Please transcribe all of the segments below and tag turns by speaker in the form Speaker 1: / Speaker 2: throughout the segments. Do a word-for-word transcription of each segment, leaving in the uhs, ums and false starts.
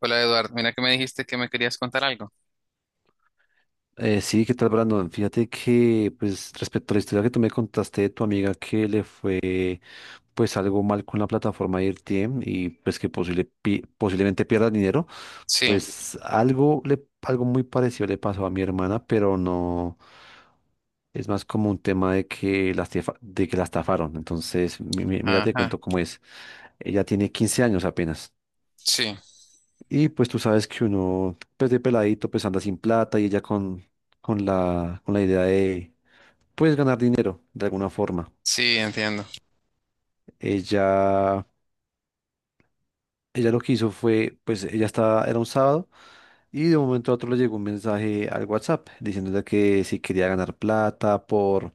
Speaker 1: Hola Eduardo, mira que me dijiste que me querías contar algo.
Speaker 2: Eh, sí, ¿qué tal, Brandon? Fíjate que, pues, respecto a la historia que tú me contaste de tu amiga que le fue, pues, algo mal con la plataforma de R T M y, pues, que posible, pi- posiblemente pierda dinero,
Speaker 1: Sí,
Speaker 2: pues, algo, le, algo muy parecido le pasó a mi hermana, pero no, es más como un tema de que la, estafa- de que la estafaron. Entonces, mi- mi- mira, te
Speaker 1: ajá,
Speaker 2: cuento cómo es. Ella tiene quince años apenas.
Speaker 1: sí,
Speaker 2: Y pues tú sabes que uno, pues de peladito, pues anda sin plata y ella con, con la, con la idea de, pues ganar dinero de alguna forma.
Speaker 1: sí, entiendo.
Speaker 2: Ella, ella lo que hizo fue, pues ella estaba, era un sábado y de un momento a otro le llegó un mensaje al WhatsApp diciéndole que si quería ganar plata por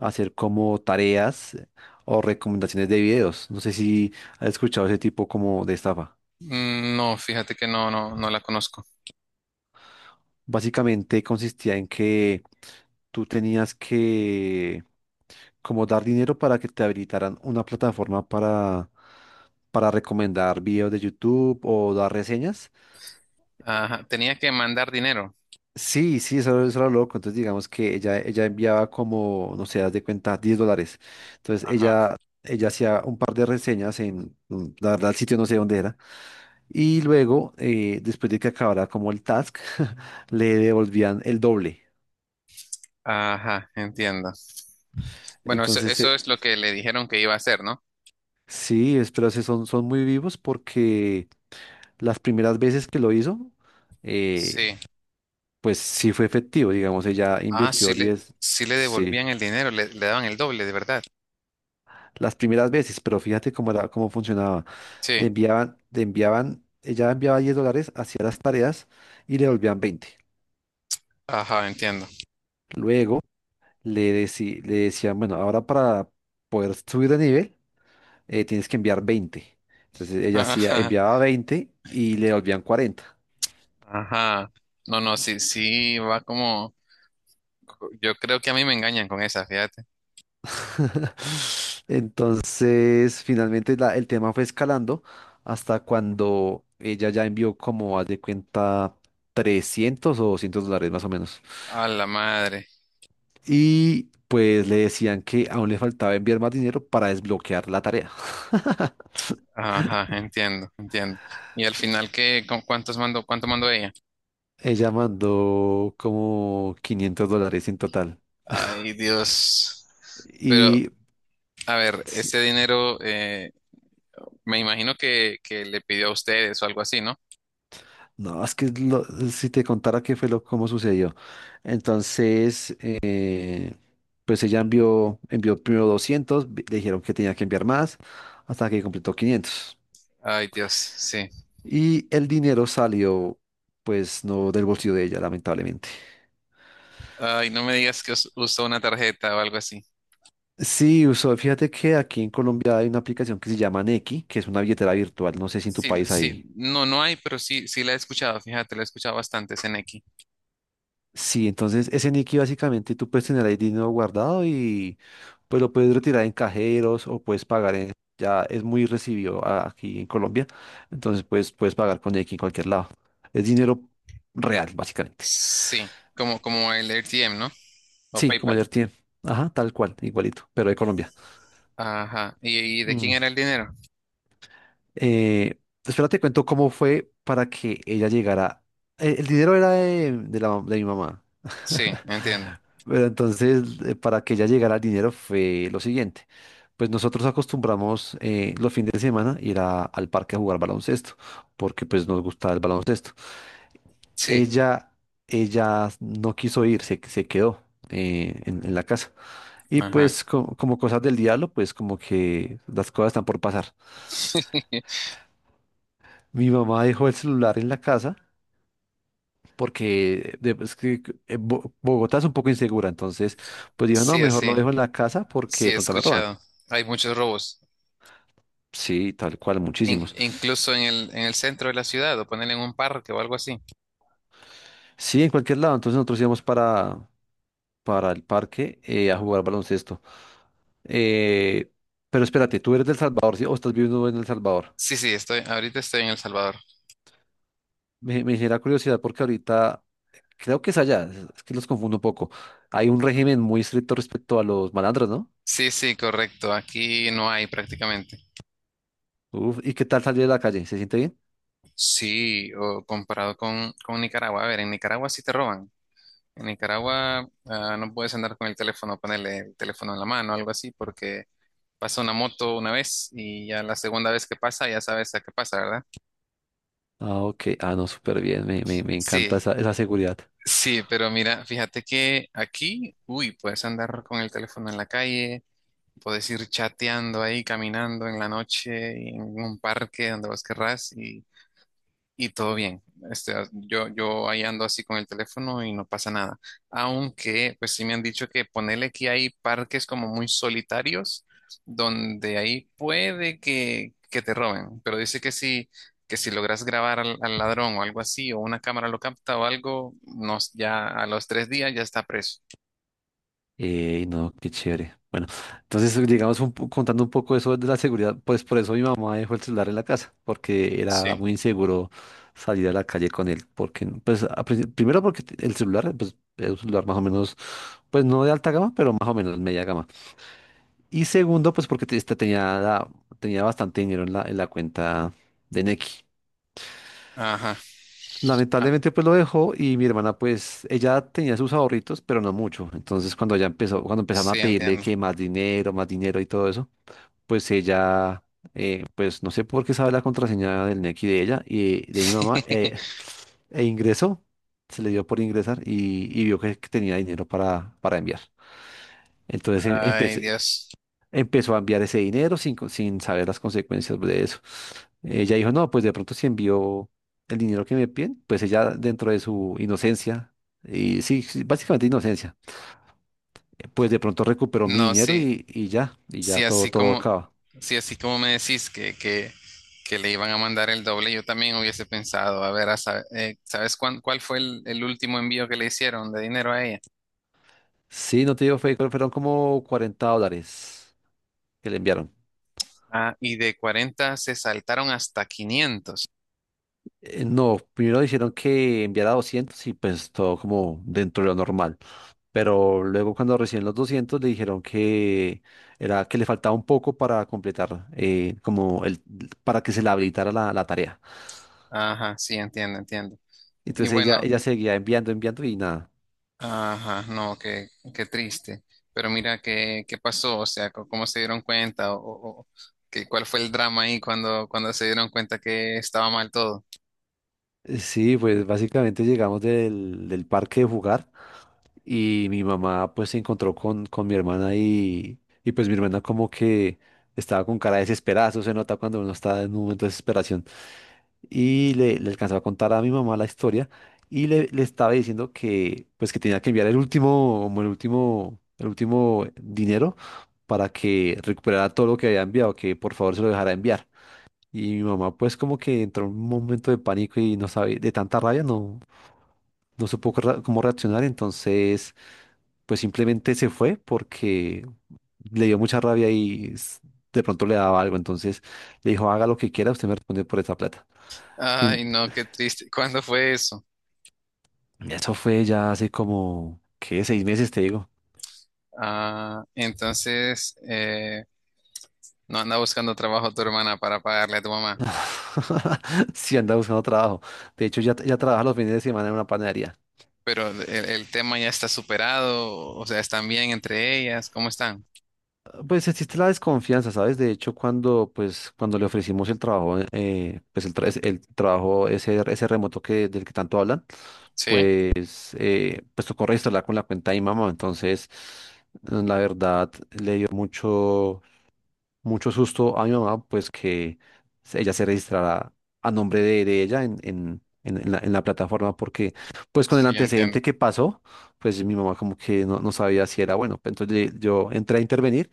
Speaker 2: hacer como tareas o recomendaciones de videos. No sé si has escuchado ese tipo como de estafa.
Speaker 1: Mm, No, fíjate que no, no, no la conozco.
Speaker 2: Básicamente consistía en que tú tenías que como dar dinero para que te habilitaran una plataforma para, para recomendar videos de YouTube o dar reseñas.
Speaker 1: Ajá, tenía que mandar dinero.
Speaker 2: Sí, sí, eso, era eso era loco. Entonces digamos que ella, ella enviaba como, no sé, haz de cuenta, diez dólares. Entonces
Speaker 1: Ajá,
Speaker 2: ella, ella hacía un par de reseñas en, mm, la verdad, el sitio no sé dónde era. Y luego, eh, después de que acabara como el task, le devolvían el doble.
Speaker 1: ajá, entiendo. Bueno, eso,
Speaker 2: Entonces,
Speaker 1: eso
Speaker 2: eh,
Speaker 1: es lo que le dijeron que iba a hacer, ¿no?
Speaker 2: Sí, es- pero se son, son muy vivos porque las primeras veces que lo hizo, eh,
Speaker 1: Sí.
Speaker 2: pues sí fue efectivo, digamos, ella
Speaker 1: Ah, sí
Speaker 2: invirtió
Speaker 1: le,
Speaker 2: diez,
Speaker 1: sí le
Speaker 2: sí,
Speaker 1: devolvían el dinero, le, le daban el doble, de verdad.
Speaker 2: las primeras veces, pero fíjate cómo era, cómo funcionaba. Le
Speaker 1: Sí,
Speaker 2: enviaban, le enviaban, ella enviaba diez dólares, hacía las tareas y le volvían veinte.
Speaker 1: ajá, entiendo.
Speaker 2: Luego le, deci- le decían, bueno, ahora para poder subir de nivel, eh, tienes que enviar veinte. Entonces ella hacía,
Speaker 1: Ajá,
Speaker 2: enviaba veinte y le volvían cuarenta.
Speaker 1: ajá. No, no, sí, sí, va como, yo creo que a mí me engañan con esa, fíjate.
Speaker 2: Entonces, finalmente la- el tema fue escalando hasta cuando ella ya envió como, haz de cuenta, trescientos o doscientos dólares más o menos.
Speaker 1: A la madre.
Speaker 2: Y pues le decían que aún le faltaba enviar más dinero para desbloquear la tarea.
Speaker 1: Ajá, entiendo, entiendo. Y al final, ¿qué, ¿con cuántos mandó, cuánto mandó ella?
Speaker 2: Ella mandó como quinientos dólares en total.
Speaker 1: Ay, Dios. Pero,
Speaker 2: Y
Speaker 1: a ver, ese dinero, eh, me imagino que, que le pidió a ustedes o algo así, ¿no?
Speaker 2: no, es que lo- si te contara qué fue lo, cómo sucedió. Entonces, eh, pues ella envió, envió primero doscientos, vi- le dijeron que tenía que enviar más, hasta que completó quinientos.
Speaker 1: Ay, Dios, sí.
Speaker 2: Y el dinero salió, pues, no del bolsillo de ella, lamentablemente.
Speaker 1: Ay, no me digas que us- usó una tarjeta o algo así.
Speaker 2: Sí, usó, fíjate que aquí en Colombia hay una aplicación que se llama Nequi, que es una billetera virtual. No sé si en tu
Speaker 1: Sí, la-
Speaker 2: país
Speaker 1: sí,
Speaker 2: hay.
Speaker 1: no, no hay, pero sí, sí la he escuchado, fíjate, la he escuchado bastante, Seneki.
Speaker 2: Sí, entonces ese Nicky básicamente tú puedes tener ahí dinero guardado y pues lo puedes retirar en cajeros o puedes pagar en... Ya es muy recibido a- aquí en Colombia, entonces puedes, puedes pagar con Nicky en cualquier lado. Es dinero real, básicamente.
Speaker 1: Sí, como, como el R T M, ¿no? O
Speaker 2: Sí, como
Speaker 1: PayPal.
Speaker 2: el tiene. Ajá, tal cual, igualito, pero de Colombia.
Speaker 1: Ajá. ¿Y, y de quién
Speaker 2: Mm.
Speaker 1: era el dinero?
Speaker 2: Eh, Espérate, cuento cómo fue para que ella llegara. Eh, El, dinero era de, de la, de mi mamá.
Speaker 1: Sí, entiendo.
Speaker 2: Pero entonces, eh, para que ella llegara el dinero fue lo siguiente. Pues nosotros acostumbramos eh, los fines de semana ir a- al parque a jugar baloncesto, porque pues nos gustaba el baloncesto.
Speaker 1: Sí,
Speaker 2: Ella, ella no quiso ir, se, se quedó eh, en, en la casa. Y
Speaker 1: ajá.
Speaker 2: pues co- como cosas del diablo, pues como que las cosas están por pasar. Mi mamá dejó el celular en la casa. Porque de- es que eh, Bo- Bogotá es un poco insegura, entonces pues dijo, no,
Speaker 1: Sí,
Speaker 2: mejor lo
Speaker 1: sí,
Speaker 2: dejo en la casa porque
Speaker 1: sí
Speaker 2: de
Speaker 1: he
Speaker 2: pronto me roban.
Speaker 1: escuchado. Hay muchos robos,
Speaker 2: Sí, tal cual,
Speaker 1: in-
Speaker 2: muchísimos.
Speaker 1: incluso en el, en el centro de la ciudad, o ponerle en un parque o algo así.
Speaker 2: Sí, en cualquier lado. Entonces nosotros íbamos para, para el parque eh, a jugar baloncesto. Eh, pero espérate, ¿tú eres del Salvador, sí? ¿O estás viviendo en El Salvador?
Speaker 1: Sí, sí, estoy, ahorita estoy en El Salvador.
Speaker 2: Me, me genera curiosidad porque ahorita creo que es allá, es es que los confundo un poco. Hay un régimen muy estricto respecto a los malandros, ¿no?
Speaker 1: Sí, sí, correcto. Aquí no hay prácticamente.
Speaker 2: Uf, ¿y qué tal salir de la calle? ¿Se siente bien?
Speaker 1: Sí, o comparado con, con Nicaragua. A ver, en Nicaragua sí te roban. En Nicaragua ah, no puedes andar con el teléfono, ponerle el teléfono en la mano o algo así, porque pasa una moto una vez y ya la segunda vez que pasa ya sabes a qué pasa, ¿verdad?
Speaker 2: Ah, ok. Ah, no, súper bien. Me, me, me
Speaker 1: Sí,
Speaker 2: encanta esa, esa seguridad.
Speaker 1: sí, pero mira, fíjate que aquí, uy, puedes andar con el teléfono en la calle, puedes ir chateando ahí, caminando en la noche, y en un parque, donde vos querrás, y todo bien. Este, yo, yo ahí ando así con el teléfono y no pasa nada. Aunque, pues sí me han dicho que ponele que hay parques como muy solitarios, donde ahí puede que, que te roben. Pero dice que si, que si logras grabar al, al ladrón o algo así, o una cámara lo capta o algo, nos, ya a los tres días ya está preso.
Speaker 2: Eh, no, qué chévere. Bueno, entonces llegamos un po- contando un poco eso de la seguridad, pues por eso mi mamá dejó el celular en la casa, porque era
Speaker 1: Sí.
Speaker 2: muy inseguro salir a la calle con él, porque pues a princi- primero porque el celular pues, es un celular más o menos, pues no de alta gama, pero más o menos media gama. Y segundo, pues porque te- este tenía, tenía bastante dinero en la, en la cuenta de Nequi.
Speaker 1: Ajá. Ah,
Speaker 2: Lamentablemente pues lo dejó y mi hermana pues ella tenía sus ahorritos, pero no mucho. Entonces cuando ya empezó, cuando empezaron
Speaker 1: sí,
Speaker 2: a pedirle
Speaker 1: entiendo.
Speaker 2: que más dinero, más dinero y todo eso, pues ella, eh, pues no sé por qué sabe la contraseña del Nequi de ella y de mi mamá, eh, e ingresó, se le dio por ingresar y, y vio que, que tenía dinero para, para enviar. Entonces em-
Speaker 1: Ay,
Speaker 2: empecé,
Speaker 1: Dios.
Speaker 2: empezó a enviar ese dinero sin, co- sin saber las consecuencias de eso. Ella dijo, no, pues de pronto si envió el dinero que me piden, pues ella dentro de su inocencia, y sí, sí, básicamente inocencia, pues de pronto recuperó mi
Speaker 1: No,
Speaker 2: dinero
Speaker 1: sí.
Speaker 2: y, y ya, y
Speaker 1: Si
Speaker 2: ya todo,
Speaker 1: así
Speaker 2: todo
Speaker 1: como,
Speaker 2: acaba.
Speaker 1: si así como me decís que, que, que le iban a mandar el doble, yo también hubiese pensado, a ver, a sa- eh, ¿sabes cuán- cuál fue el, el último envío que le hicieron de dinero a ella?
Speaker 2: Sí, no te digo, fue, fueron como cuarenta dólares que le enviaron.
Speaker 1: Ah, y de cuarenta se saltaron hasta quinientos.
Speaker 2: Eh, No, primero dijeron que enviara doscientos y pues todo como dentro de lo normal. Pero luego cuando recién los doscientos le dijeron que era que le faltaba un poco para completar, eh, como el, para que se le habilitara la, la tarea.
Speaker 1: Ajá, sí, entiendo, entiendo. Y
Speaker 2: Entonces ella,
Speaker 1: bueno,
Speaker 2: ella seguía enviando, enviando y nada.
Speaker 1: ajá, no, qué, qué triste. Pero mira, qué, qué pasó, o sea, co- cómo se dieron cuenta, o, o- o que, cuál fue el drama ahí cuando, cuando se dieron cuenta que estaba mal todo.
Speaker 2: Eh, Sí, pues básicamente llegamos del, del parque de jugar y mi mamá pues se encontró con, con mi hermana y, y pues mi hermana como que estaba con cara desesperada, eso se nota cuando uno está en un momento de desesperación. Y le, le alcanzaba a contar a mi mamá la historia y le, le estaba diciendo que pues que tenía que enviar el último como el último el último dinero para que recuperara todo lo que había enviado, que por favor se lo dejara enviar. Y mi mamá pues como que entró en un momento de pánico y no sabía, de tanta rabia no no supo qué ra- cómo reaccionar, entonces pues simplemente se fue porque le dio mucha rabia y s- de pronto le daba algo, entonces le dijo, haga lo que quiera, usted me responde por esa plata.
Speaker 1: Ay, no, qué triste. ¿Cuándo fue eso?
Speaker 2: Eso fue ya hace como, ¿qué? Seis meses, te digo.
Speaker 1: Ah, entonces eh, no anda buscando trabajo tu hermana para pagarle a tu mamá.
Speaker 2: Sí, andaba buscando trabajo. De hecho, ya, ya trabaja los fines de semana en una panadería.
Speaker 1: Pero el, el tema ya está superado, o sea, están bien entre ellas, ¿cómo están?
Speaker 2: Pues existe la desconfianza, ¿sabes? De hecho, cuando, pues, cuando le ofrecimos el trabajo, eh, pues el, tra- es- el trabajo ese, ese, remoto que, del que tanto hablan,
Speaker 1: Sí,
Speaker 2: pues, eh, pues tocó registrarla con la cuenta de mi mamá. Entonces, la verdad, le dio mucho mucho susto a mi mamá, pues que se- ella se registrara a nombre de, de ella en, en, en- en la, en la plataforma, porque pues con el
Speaker 1: sí, entiendo.
Speaker 2: antecedente que pasó, pues mi mamá como que no, no sabía si era bueno. Entonces le- yo entré a intervenir,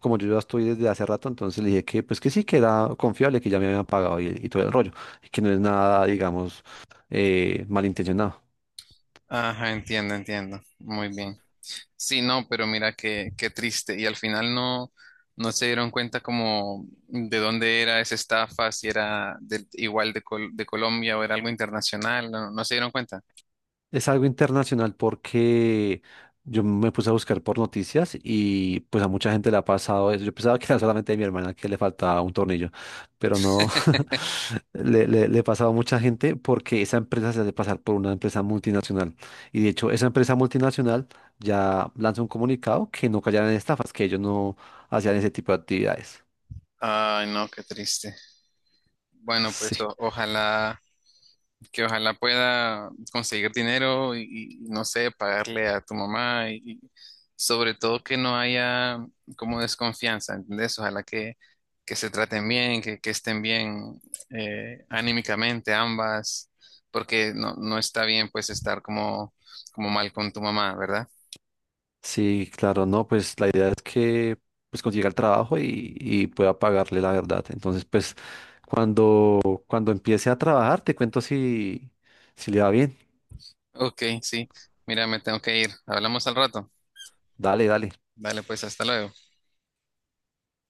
Speaker 2: como yo ya estoy desde hace rato, entonces le dije que pues que sí, que era confiable, que ya me habían pagado y, y todo el rollo, y que no es nada, digamos, eh, malintencionado.
Speaker 1: Ajá, entiendo, entiendo. Muy bien. Sí, no, pero mira qué, qué triste. Y al final no, no se dieron cuenta como de dónde era esa estafa, si era del- igual de, Col- de Colombia o era algo internacional, no, no se dieron cuenta.
Speaker 2: Es algo internacional porque yo me puse a buscar por noticias y pues a mucha gente le ha pasado eso. Yo pensaba que era solamente a mi hermana que le faltaba un tornillo, pero no, le, le, le ha pasado a mucha gente porque esa empresa se hace pasar por una empresa multinacional. Y de hecho, esa empresa multinacional ya lanza un comunicado que no cayeran en estafas, que ellos no hacían ese tipo de actividades.
Speaker 1: Ay, no, qué triste. Bueno, pues
Speaker 2: Sí.
Speaker 1: o- ojalá, que ojalá pueda conseguir dinero y, y, no sé, pagarle a tu mamá y, y sobre todo que no haya como desconfianza, ¿entendés? Ojalá que, que se traten bien, que, que estén bien eh, anímicamente ambas, porque no, no está bien pues estar como, como mal con tu mamá, ¿verdad?
Speaker 2: Sí, claro, no, pues la idea es que pues consiga el trabajo y, y pueda pagarle la verdad. Entonces, pues cuando, cuando empiece a trabajar, te cuento si, si le va bien.
Speaker 1: Ok, sí, mira, me tengo que ir. Hablamos al rato.
Speaker 2: Dale, dale.
Speaker 1: Dale, pues, hasta luego.